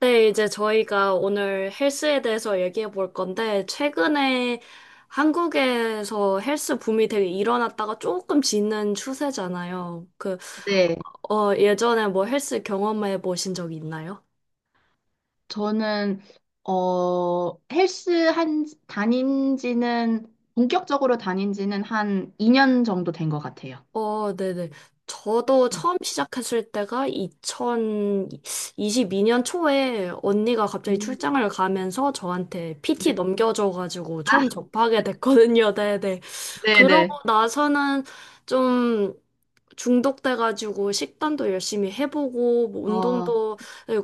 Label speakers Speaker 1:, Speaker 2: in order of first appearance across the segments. Speaker 1: 네, 이제 저희가 오늘 헬스에 대해서 얘기해 볼 건데, 최근에 한국에서 헬스 붐이 되게 일어났다가 조금 지는 추세잖아요.
Speaker 2: 네,
Speaker 1: 예전에 뭐 헬스 경험해 보신 적 있나요?
Speaker 2: 저는 헬스 한 다닌 지는 본격적으로 다닌 지는 한 2년 정도 된 것 같아요.
Speaker 1: 어, 네네. 저도
Speaker 2: 음.
Speaker 1: 처음 시작했을 때가 2022년 초에 언니가 갑자기
Speaker 2: 음.
Speaker 1: 출장을 가면서 저한테
Speaker 2: 네.
Speaker 1: PT 넘겨줘가지고
Speaker 2: 아,
Speaker 1: 처음 접하게 됐거든요. 네네. 그러고
Speaker 2: 네네.
Speaker 1: 나서는 좀 중독돼가지고 식단도 열심히 해보고 뭐
Speaker 2: 어,
Speaker 1: 운동도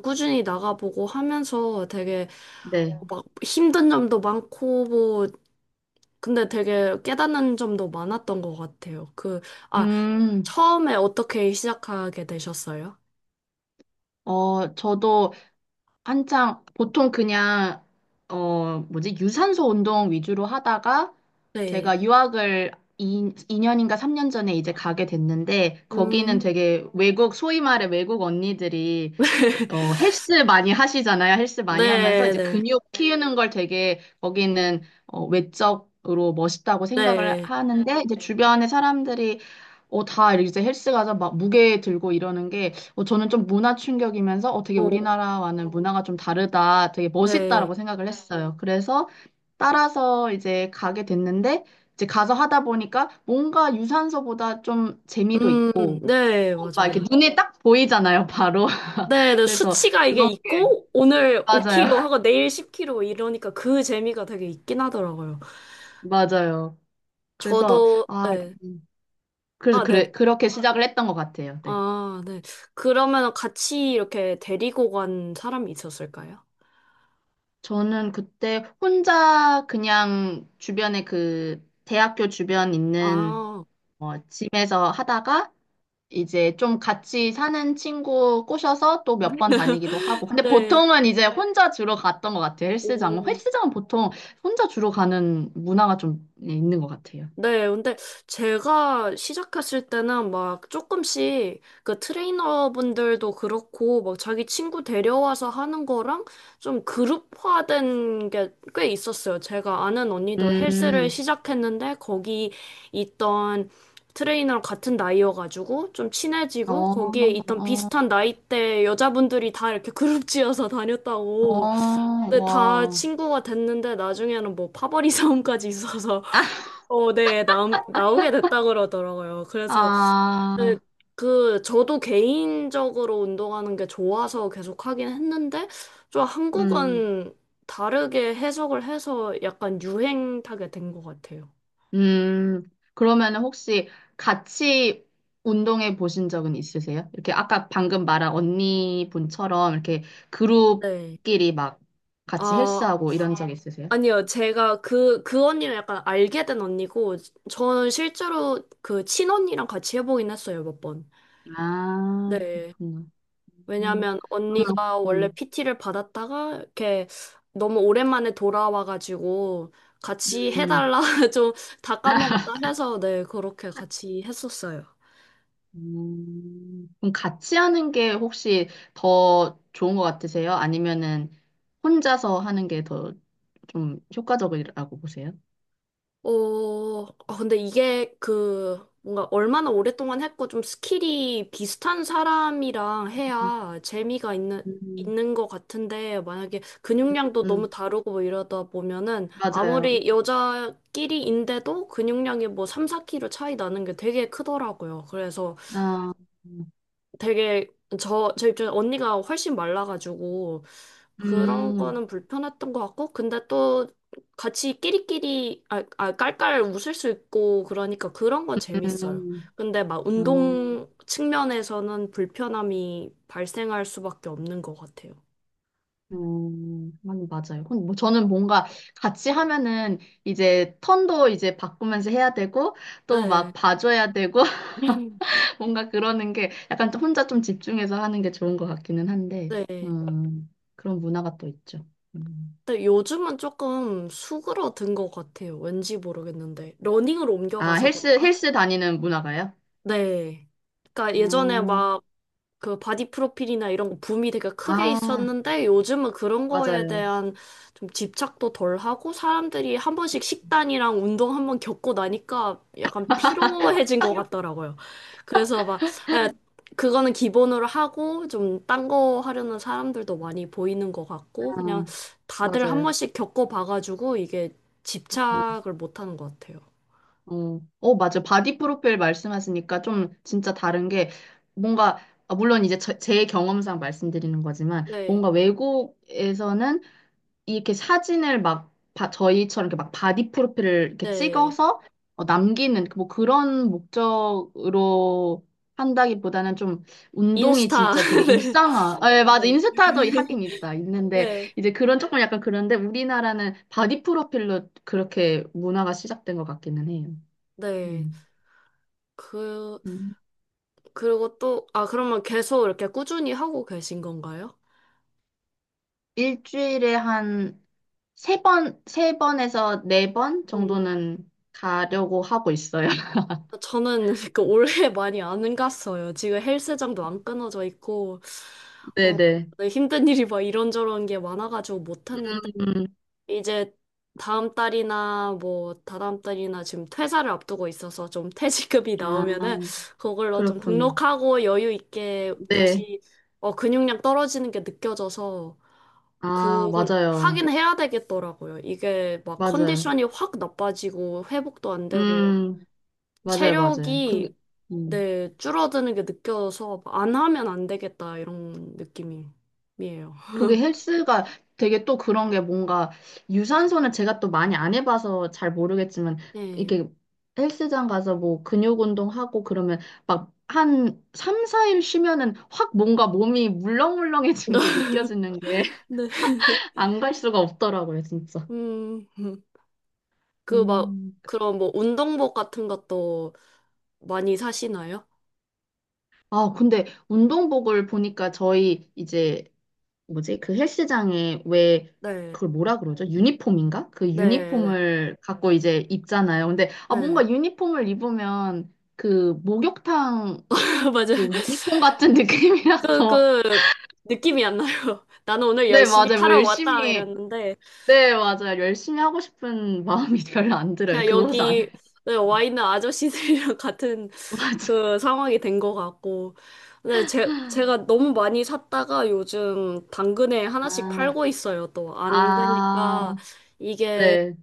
Speaker 1: 꾸준히 나가보고 하면서 되게
Speaker 2: 네.
Speaker 1: 막 힘든 점도 많고 뭐 근데 되게 깨닫는 점도 많았던 것 같아요. 아,
Speaker 2: 음,
Speaker 1: 처음에 어떻게 시작하게 되셨어요?
Speaker 2: 저도 한창 보통 그냥 어 뭐지 유산소 운동 위주로 하다가
Speaker 1: 네.
Speaker 2: 제가 유학을 2, 이 년인가 삼년인가 3년 전에 이제 가게 됐는데, 거기는
Speaker 1: 음.
Speaker 2: 되게 외국 소위 말해 외국 언니들이 헬스 많이 하시잖아요. 헬스 많이 하면서
Speaker 1: 네,
Speaker 2: 이제
Speaker 1: 네,
Speaker 2: 근육 키우는 걸 되게 거기는 외적으로 멋있다고 생각을
Speaker 1: 네.
Speaker 2: 하는데 이제 주변의 사람들이 다 이제 헬스 가서 막 무게 들고 이러는 게 저는 좀 문화 충격이면서 되게
Speaker 1: 어,
Speaker 2: 우리나라와는 문화가 좀 다르다, 되게
Speaker 1: 네.
Speaker 2: 멋있다라고 생각을 했어요. 그래서 따라서 이제 가게 됐는데, 이제 가서 하다 보니까 뭔가 유산소보다 좀 재미도
Speaker 1: 음,
Speaker 2: 있고
Speaker 1: 네,
Speaker 2: 막
Speaker 1: 맞아요.
Speaker 2: 이렇게 눈에 딱 보이잖아요, 바로.
Speaker 1: 네, 네,
Speaker 2: 그래서
Speaker 1: 수치가 이게
Speaker 2: 그런 게
Speaker 1: 있고, 오늘
Speaker 2: 맞아요,
Speaker 1: 5kg 하고 내일 10kg 이러니까 그 재미가 되게 있긴 하더라고요.
Speaker 2: 맞아요. 그래서
Speaker 1: 저도,
Speaker 2: 아,
Speaker 1: 네.
Speaker 2: 음, 그래서
Speaker 1: 아, 네.
Speaker 2: 그렇게 시작을 했던 것 같아요. 네.
Speaker 1: 아, 네. 그러면 같이 이렇게 데리고 간 사람이 있었을까요?
Speaker 2: 저는 그때 혼자 그냥 주변에 그 대학교 주변 있는
Speaker 1: 아,
Speaker 2: 집에서 하다가 이제 좀 같이 사는 친구 꼬셔서 또 몇 번 다니기도 하고. 근데
Speaker 1: 네.
Speaker 2: 보통은 이제 혼자 주로 갔던 것 같아요. 헬스장은.
Speaker 1: 오.
Speaker 2: 보통 혼자 주로 가는 문화가 좀 네, 있는 것 같아요.
Speaker 1: 네, 근데 제가 시작했을 때는 막 조금씩 그 트레이너분들도 그렇고 막 자기 친구 데려와서 하는 거랑 좀 그룹화된 게 꽤 있었어요. 제가 아는 언니도 헬스를
Speaker 2: 음,
Speaker 1: 시작했는데 거기 있던 트레이너랑 같은 나이여가지고 좀
Speaker 2: 어,
Speaker 1: 친해지고 거기에 있던
Speaker 2: 어,
Speaker 1: 비슷한 나이대 여자분들이 다 이렇게 그룹 지어서
Speaker 2: 어,
Speaker 1: 다녔다고. 근데 다
Speaker 2: 와.
Speaker 1: 친구가 됐는데 나중에는 뭐 파벌이 싸움까지 있어서 어, 네, 나오게 됐다 그러더라고요. 네,
Speaker 2: 아,
Speaker 1: 저도 개인적으로 운동하는 게 좋아서 계속 하긴 했는데, 좀
Speaker 2: 음.
Speaker 1: 한국은 다르게 해석을 해서 약간 유행 타게 된 것 같아요.
Speaker 2: 그러면 혹시 같이 운동해 보신 적은 있으세요? 이렇게 아까 방금 말한 언니분처럼 이렇게
Speaker 1: 네.
Speaker 2: 그룹끼리 막 같이
Speaker 1: 아,
Speaker 2: 헬스하고 이런 적 있으세요?
Speaker 1: 아니요. 그 언니는 약간 알게 된 언니고, 저는 실제로 그 친언니랑 같이 해보긴 했어요, 몇 번.
Speaker 2: 아,
Speaker 1: 네.
Speaker 2: 그렇구나. 음,
Speaker 1: 왜냐면
Speaker 2: 그러면,
Speaker 1: 언니가 원래 PT를 받았다가 이렇게 너무 오랜만에 돌아와가지고 같이
Speaker 2: 음,
Speaker 1: 해달라 좀 다 까먹었다 해서 네, 그렇게 같이 했었어요.
Speaker 2: 그럼 같이 하는 게 혹시 더 좋은 것 같으세요? 아니면은 혼자서 하는 게 더 좀 효과적이라고 보세요?
Speaker 1: 근데 이게 그 뭔가 얼마나 오랫동안 했고 좀 스킬이 비슷한 사람이랑 해야 재미가
Speaker 2: 음,
Speaker 1: 있는 것 같은데 만약에 근육량도
Speaker 2: 음,
Speaker 1: 너무 다르고 뭐 이러다 보면은
Speaker 2: 맞아요.
Speaker 1: 아무리 여자끼리인데도 근육량이 뭐 3, 4kg 차이 나는 게 되게 크더라고요.
Speaker 2: 아.
Speaker 1: 되게 제 입장에 언니가 훨씬 말라가지고 그런
Speaker 2: 음,
Speaker 1: 거는 불편했던 것 같고 근데 또 같이 끼리끼리 아 깔깔 웃을 수 있고 그러니까 그런 건 재밌어요.
Speaker 2: 음,
Speaker 1: 근데 막
Speaker 2: 어,
Speaker 1: 운동 측면에서는 불편함이 발생할 수밖에 없는 것 같아요.
Speaker 2: 아니, 맞아요. 뭐 저는 뭔가 같이 하면은 이제 턴도 이제 바꾸면서 해야 되고 또 막
Speaker 1: 네.
Speaker 2: 봐줘야 되고
Speaker 1: 음.
Speaker 2: 뭔가 그러는 게 약간 또 혼자 좀 집중해서 하는 게 좋은 것 같기는 한데,
Speaker 1: 네.
Speaker 2: 그런 문화가 또 있죠. 음.
Speaker 1: 근데 요즘은 조금 수그러든 것 같아요. 왠지 모르겠는데. 러닝으로
Speaker 2: 아,
Speaker 1: 옮겨가서 그런가?
Speaker 2: 헬스 다니는 문화가요?
Speaker 1: 네. 그러니까 예전에
Speaker 2: 아,
Speaker 1: 막 그 바디 프로필이나 이런 거 붐이 되게 크게
Speaker 2: 아,
Speaker 1: 있었는데 요즘은 그런 거에
Speaker 2: 맞아요.
Speaker 1: 대한 좀 집착도 덜 하고 사람들이 한 번씩 식단이랑 운동 한 번 겪고 나니까 약간 피로해진 것 같더라고요. 그래서 막, 예, 그거는 기본으로 하고 좀 딴 거 하려는 사람들도 많이 보이는 것
Speaker 2: 아,
Speaker 1: 같고 그냥 다들 한
Speaker 2: 맞아요.
Speaker 1: 번씩 겪어봐가지고 이게 집착을 못 하는 것 같아요.
Speaker 2: 어, 어, 맞아. 바디 프로필 말씀하시니까 좀 진짜 다른 게 뭔가, 아, 물론 이제 제 경험상 말씀드리는 거지만,
Speaker 1: 네,
Speaker 2: 뭔가 외국에서는 이렇게 사진을 막 저희처럼 이렇게 막 바디 프로필을 이렇게
Speaker 1: 네.
Speaker 2: 찍어서 남기는 뭐 그런 목적으로 한다기보다는 좀 운동이
Speaker 1: 인스타.
Speaker 2: 진짜 되게 일상화. 아, 예, 맞아.
Speaker 1: 네. 네.
Speaker 2: 인스타도 하긴 있다. 있는데
Speaker 1: 네.
Speaker 2: 이제 그런 조금 약간 그런데 우리나라는 바디 프로필로 그렇게 문화가 시작된 것 같기는 해요.
Speaker 1: 네.
Speaker 2: 음.
Speaker 1: 그,
Speaker 2: 음.
Speaker 1: 그러면 계속 이렇게 꾸준히 하고 계신 건가요?
Speaker 2: 일주일에 한 세 번에서 네 번
Speaker 1: 음.
Speaker 2: 정도는 가려고 하고 있어요.
Speaker 1: 저는 그 올해 많이 안 갔어요. 지금 헬스장도 안 끊어져 있고, 어,
Speaker 2: 네네.
Speaker 1: 네, 힘든 일이 막 이런저런 게 많아가지고 못 했는데,
Speaker 2: 음,
Speaker 1: 이제 다음 달이나 뭐 다다음 달이나 지금 퇴사를 앞두고 있어서 좀 퇴직급이 나오면은
Speaker 2: 아,
Speaker 1: 그걸로 좀
Speaker 2: 그렇구나.
Speaker 1: 등록하고 여유 있게
Speaker 2: 네.
Speaker 1: 다시 어, 근육량 떨어지는 게 느껴져서
Speaker 2: 아,
Speaker 1: 그건
Speaker 2: 맞아요.
Speaker 1: 하긴 해야 되겠더라고요. 이게 막
Speaker 2: 맞아요.
Speaker 1: 컨디션이 확 나빠지고 회복도 안 되고
Speaker 2: 음, 맞아요, 맞아요.
Speaker 1: 체력이
Speaker 2: 근데,
Speaker 1: 네, 줄어드는 게 느껴서 안 하면 안 되겠다 이런 느낌이에요.
Speaker 2: 그게 헬스가 되게 또 그런 게 뭔가 유산소는 제가 또 많이 안 해봐서 잘 모르겠지만
Speaker 1: 네.
Speaker 2: 이렇게 헬스장 가서 뭐 근육 운동하고 그러면 막 한 3, 4일 쉬면은 확 뭔가 몸이 물렁물렁해진 게 느껴지는 게
Speaker 1: 네.
Speaker 2: 안 갈 수가 없더라고요, 진짜.
Speaker 1: 음. 그 막
Speaker 2: 음.
Speaker 1: 그런 뭐 운동복 같은 것도 많이 사시나요?
Speaker 2: 아, 근데 운동복을 보니까 저희 이제 뭐지? 그 헬스장에 왜
Speaker 1: 네.
Speaker 2: 그걸 뭐라 그러죠? 유니폼인가? 그
Speaker 1: 네, 네.
Speaker 2: 유니폼을 갖고 이제 입잖아요. 근데
Speaker 1: 네.
Speaker 2: 뭔가 유니폼을 입으면 그 목욕탕
Speaker 1: 맞아요.
Speaker 2: 그 유니폼 같은
Speaker 1: 그
Speaker 2: 느낌이라서
Speaker 1: 그 느낌이 안 나요. 나는 오늘
Speaker 2: 네,
Speaker 1: 열심히
Speaker 2: 맞아요. 뭐
Speaker 1: 하러 왔다
Speaker 2: 열심히
Speaker 1: 이랬는데
Speaker 2: 네, 맞아요. 열심히 하고 싶은 마음이 별로 안 들어요.
Speaker 1: 그냥
Speaker 2: 그곳
Speaker 1: 여기
Speaker 2: 안에.
Speaker 1: 네, 와 있는 아저씨들이랑 같은
Speaker 2: 맞아.
Speaker 1: 그 상황이 된 것 같고. 근데 제가 너무 많이 샀다가 요즘 당근에 하나씩
Speaker 2: 아,
Speaker 1: 팔고 있어요, 또. 안 그러니까
Speaker 2: 아,
Speaker 1: 이게
Speaker 2: 네.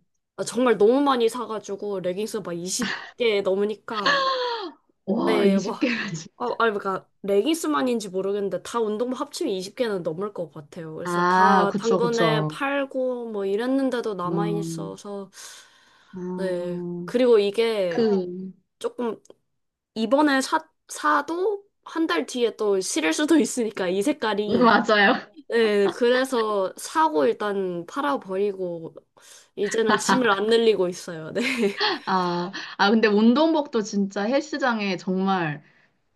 Speaker 1: 정말 너무 많이 사가지고 레깅스 막 20개 넘으니까.
Speaker 2: 와,
Speaker 1: 네, 막.
Speaker 2: 20개가 지
Speaker 1: 아, 아니, 그러니까 레깅스만인지 모르겠는데 다 운동복 합치면 20개는 넘을 것 같아요. 그래서
Speaker 2: 아,
Speaker 1: 다
Speaker 2: 그쵸,
Speaker 1: 당근에
Speaker 2: 그쵸.
Speaker 1: 팔고 뭐 이랬는데도 남아
Speaker 2: 음,
Speaker 1: 있어서 네.
Speaker 2: 음,
Speaker 1: 그리고 이게
Speaker 2: 그,
Speaker 1: 조금 이번에 사, 사도 한 달 뒤에 또 실을 수도 있으니까 이 색깔이.
Speaker 2: 맞아요.
Speaker 1: 네, 그래서 사고 일단 팔아버리고 이제는 짐을 안 늘리고 있어요. 네.
Speaker 2: 아, 아, 근데 운동복도 진짜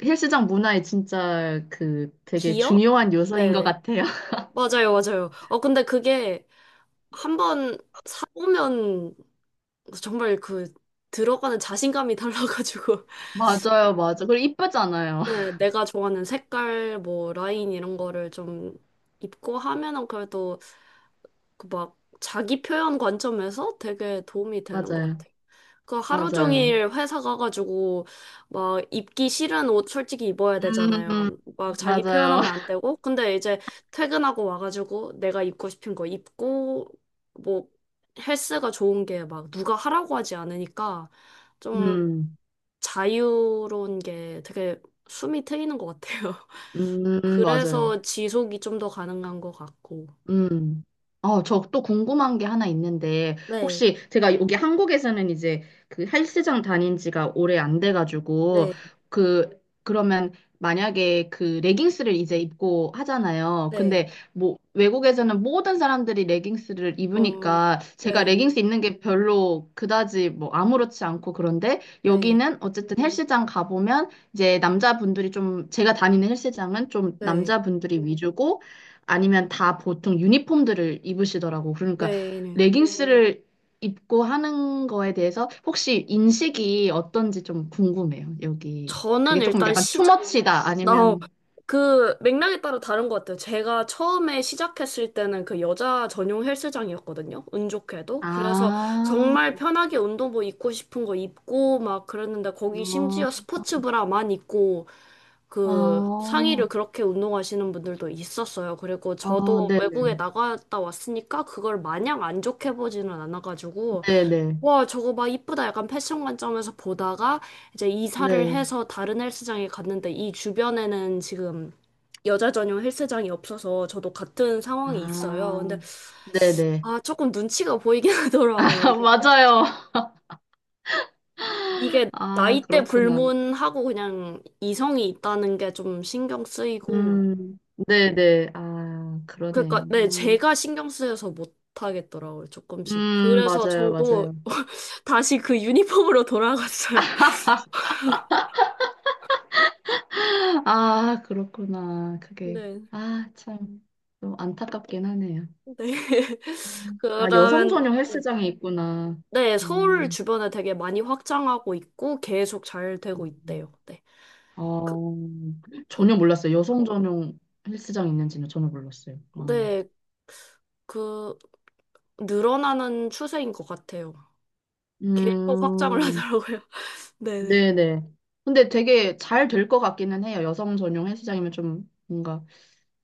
Speaker 2: 헬스장 문화에 진짜 그 되게
Speaker 1: 기어?
Speaker 2: 중요한 요소인 것
Speaker 1: 네.
Speaker 2: 같아요.
Speaker 1: 맞아요, 맞아요. 어, 근데 그게 한 번 사보면 정말 그 들어가는 자신감이 달라가지고.
Speaker 2: 맞아요, 맞아. 그리고 이쁘잖아요.
Speaker 1: 네, 내가 좋아하는 색깔, 뭐, 라인 이런 거를 좀 입고 하면은 그래도 그 막 자기 표현 관점에서 되게 도움이 되는 것
Speaker 2: 맞아요,
Speaker 1: 같아. 그 하루
Speaker 2: 맞아요.
Speaker 1: 종일 회사 가가지고 막 입기 싫은 옷 솔직히 입어야
Speaker 2: 음,
Speaker 1: 되잖아요. 막 자기
Speaker 2: 맞아요.
Speaker 1: 표현하면 안 되고. 근데 이제 퇴근하고 와가지고 내가 입고 싶은 거 입고 뭐 헬스가 좋은 게 막 누가 하라고 하지 않으니까 좀
Speaker 2: 음,
Speaker 1: 자유로운 게 되게 숨이 트이는 것 같아요.
Speaker 2: 맞아요.
Speaker 1: 그래서 지속이 좀 더 가능한 것 같고.
Speaker 2: 음. 어, 저 또 궁금한 게 하나 있는데,
Speaker 1: 네,
Speaker 2: 혹시 제가 여기 한국에서는 이제 그 헬스장 다닌 지가 오래 안 돼가지고,
Speaker 1: 네,
Speaker 2: 그, 그러면 만약에 그 레깅스를 이제 입고 하잖아요.
Speaker 1: 네.
Speaker 2: 근데 뭐 외국에서는 모든 사람들이 레깅스를
Speaker 1: 어,
Speaker 2: 입으니까 제가
Speaker 1: 네,
Speaker 2: 레깅스 입는 게 별로 그다지 뭐 아무렇지 않고 그런데,
Speaker 1: 네,
Speaker 2: 여기는 어쨌든 헬스장 가보면 이제 남자분들이 좀, 제가 다니는 헬스장은 좀
Speaker 1: 네,
Speaker 2: 남자분들이 위주고 아니면 다 보통 유니폼들을 입으시더라고. 그러니까
Speaker 1: 네. 네.
Speaker 2: 레깅스를 입고 하는 거에 대해서 혹시 인식이 어떤지 좀 궁금해요. 여기
Speaker 1: 저는
Speaker 2: 그게 조금
Speaker 1: 일단
Speaker 2: 약간
Speaker 1: 시작,
Speaker 2: 투머치다
Speaker 1: 나, 어,
Speaker 2: 아니면
Speaker 1: 그 맥락에 따라 다른 것 같아요. 제가 처음에 시작했을 때는 그 여자 전용 헬스장이었거든요. 운 좋게도. 그래서
Speaker 2: 아,
Speaker 1: 정말 편하게 운동복 입고 싶은 거 입고 막 그랬는데 거기
Speaker 2: 어,
Speaker 1: 심지어 스포츠 브라만 입고 그 상의를
Speaker 2: 어,
Speaker 1: 그렇게 운동하시는 분들도 있었어요. 그리고
Speaker 2: 어,
Speaker 1: 저도
Speaker 2: 네네,
Speaker 1: 외국에 나갔다 왔으니까 그걸 마냥 안 좋게 보지는 않아가지고
Speaker 2: 네네,
Speaker 1: 와, 저거 막 이쁘다. 약간 패션 관점에서 보다가 이제 이사를
Speaker 2: 네,
Speaker 1: 해서 다른 헬스장에 갔는데 이 주변에는 지금 여자 전용 헬스장이 없어서 저도 같은 상황이 있어요. 근데
Speaker 2: 아, 네네, 아, 네, 네.
Speaker 1: 아, 조금 눈치가 보이긴 하더라고요. 이게
Speaker 2: 맞아요.
Speaker 1: 이게
Speaker 2: 아,
Speaker 1: 나이대
Speaker 2: 그렇구나.
Speaker 1: 불문하고 그냥 이성이 있다는 게 좀 신경 쓰이고
Speaker 2: 음, 네네, 아, 그러네요.
Speaker 1: 그러니까 네, 제가 신경 쓰여서 못 하겠더라고요. 조금씩. 그래서
Speaker 2: 맞아요,
Speaker 1: 저도
Speaker 2: 맞아요.
Speaker 1: 다시 그 유니폼으로 돌아갔어요.
Speaker 2: 아, 그렇구나. 그게,
Speaker 1: 네.
Speaker 2: 아, 참, 좀 안타깝긴 하네요.
Speaker 1: 네.
Speaker 2: 음. 아, 여성
Speaker 1: 그러면,
Speaker 2: 전용
Speaker 1: 네.
Speaker 2: 헬스장이 있구나.
Speaker 1: 네, 서울
Speaker 2: 어,
Speaker 1: 주변에 되게 많이 확장하고 있고, 계속 잘 되고
Speaker 2: 음.
Speaker 1: 있대요. 네. 그,
Speaker 2: 어,
Speaker 1: 그,
Speaker 2: 전혀 몰랐어요. 여성 전용 헬스장 있는지는 전혀 몰랐어요. 어.
Speaker 1: 네. 그, 늘어나는 추세인 것 같아요. 계속 확장을
Speaker 2: 음,
Speaker 1: 하더라고요. 네네.
Speaker 2: 네네. 근데 되게 잘 될 것 같기는 해요. 여성 전용 헬스장이면 좀 뭔가,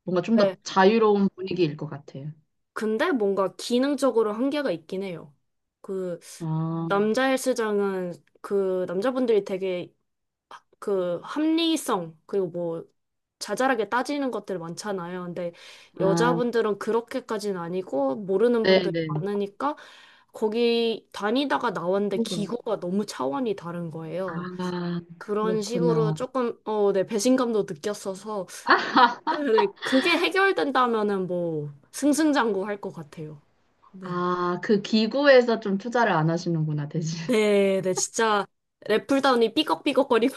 Speaker 2: 좀
Speaker 1: 네. 네.
Speaker 2: 더 자유로운 분위기일 것 같아요.
Speaker 1: 근데 뭔가 기능적으로 한계가 있긴 해요. 그,
Speaker 2: 아,
Speaker 1: 남자 헬스장은 그 남자분들이 되게 그 합리성 그리고 뭐 자잘하게 따지는 것들 많잖아요. 근데
Speaker 2: 아,
Speaker 1: 여자분들은 그렇게까지는 아니고 모르는 분들이
Speaker 2: 네네.
Speaker 1: 많으니까 거기 다니다가 나왔는데
Speaker 2: 뭐가?
Speaker 1: 기구가 너무 차원이 다른
Speaker 2: 아,
Speaker 1: 거예요. 그런 식으로
Speaker 2: 그렇구나.
Speaker 1: 조금 어, 네, 배신감도 느꼈어서 네, 그게 해결된다면은 뭐 승승장구 할 것 같아요. 네.
Speaker 2: 아, 그 기구에서 좀 투자를 안 하시는구나, 대신.
Speaker 1: 네, 네, 진짜 랩풀다운이 삐걱삐걱거리고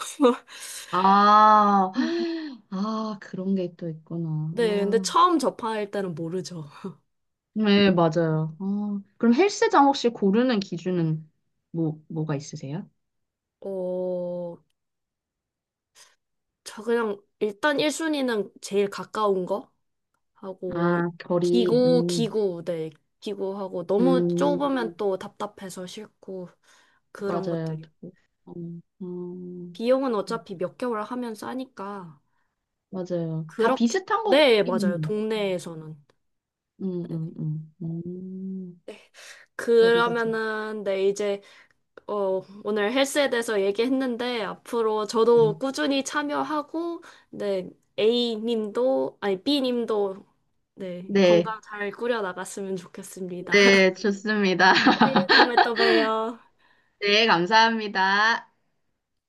Speaker 2: 아, 아, 그런 게 또 있구나.
Speaker 1: 네, 근데
Speaker 2: 아,
Speaker 1: 처음 접할 때는 모르죠.
Speaker 2: 네, 맞아요. 아, 그럼 헬스장 혹시 고르는 기준은 뭐가 있으세요?
Speaker 1: 어, 저 그냥 일단 1순위는 제일 가까운 거 하고
Speaker 2: 아, 결이,
Speaker 1: 기구 기구 네 기구하고 너무
Speaker 2: 음,
Speaker 1: 좁으면 또 답답해서 싫고 그런
Speaker 2: 맞아요.
Speaker 1: 것들이요.
Speaker 2: 음, 음,
Speaker 1: 비용은 어차피 몇 개월 하면 싸니까
Speaker 2: 맞아요. 다
Speaker 1: 그렇게
Speaker 2: 비슷한 거
Speaker 1: 네 맞아요
Speaker 2: 같기는 해요.
Speaker 1: 동네에서는
Speaker 2: 음, 음, 음, 음, 머리가 지
Speaker 1: 그러면은 네 이제 어, 오늘 헬스에 대해서 얘기했는데, 앞으로
Speaker 2: 네.
Speaker 1: 저도 꾸준히 참여하고, 네, A님도, 아니, B님도, 네,
Speaker 2: 네,
Speaker 1: 건강 잘 꾸려나갔으면 좋겠습니다.
Speaker 2: 네, 좋습니다.
Speaker 1: 네, 다음에 또 봬요.
Speaker 2: 네, 감사합니다.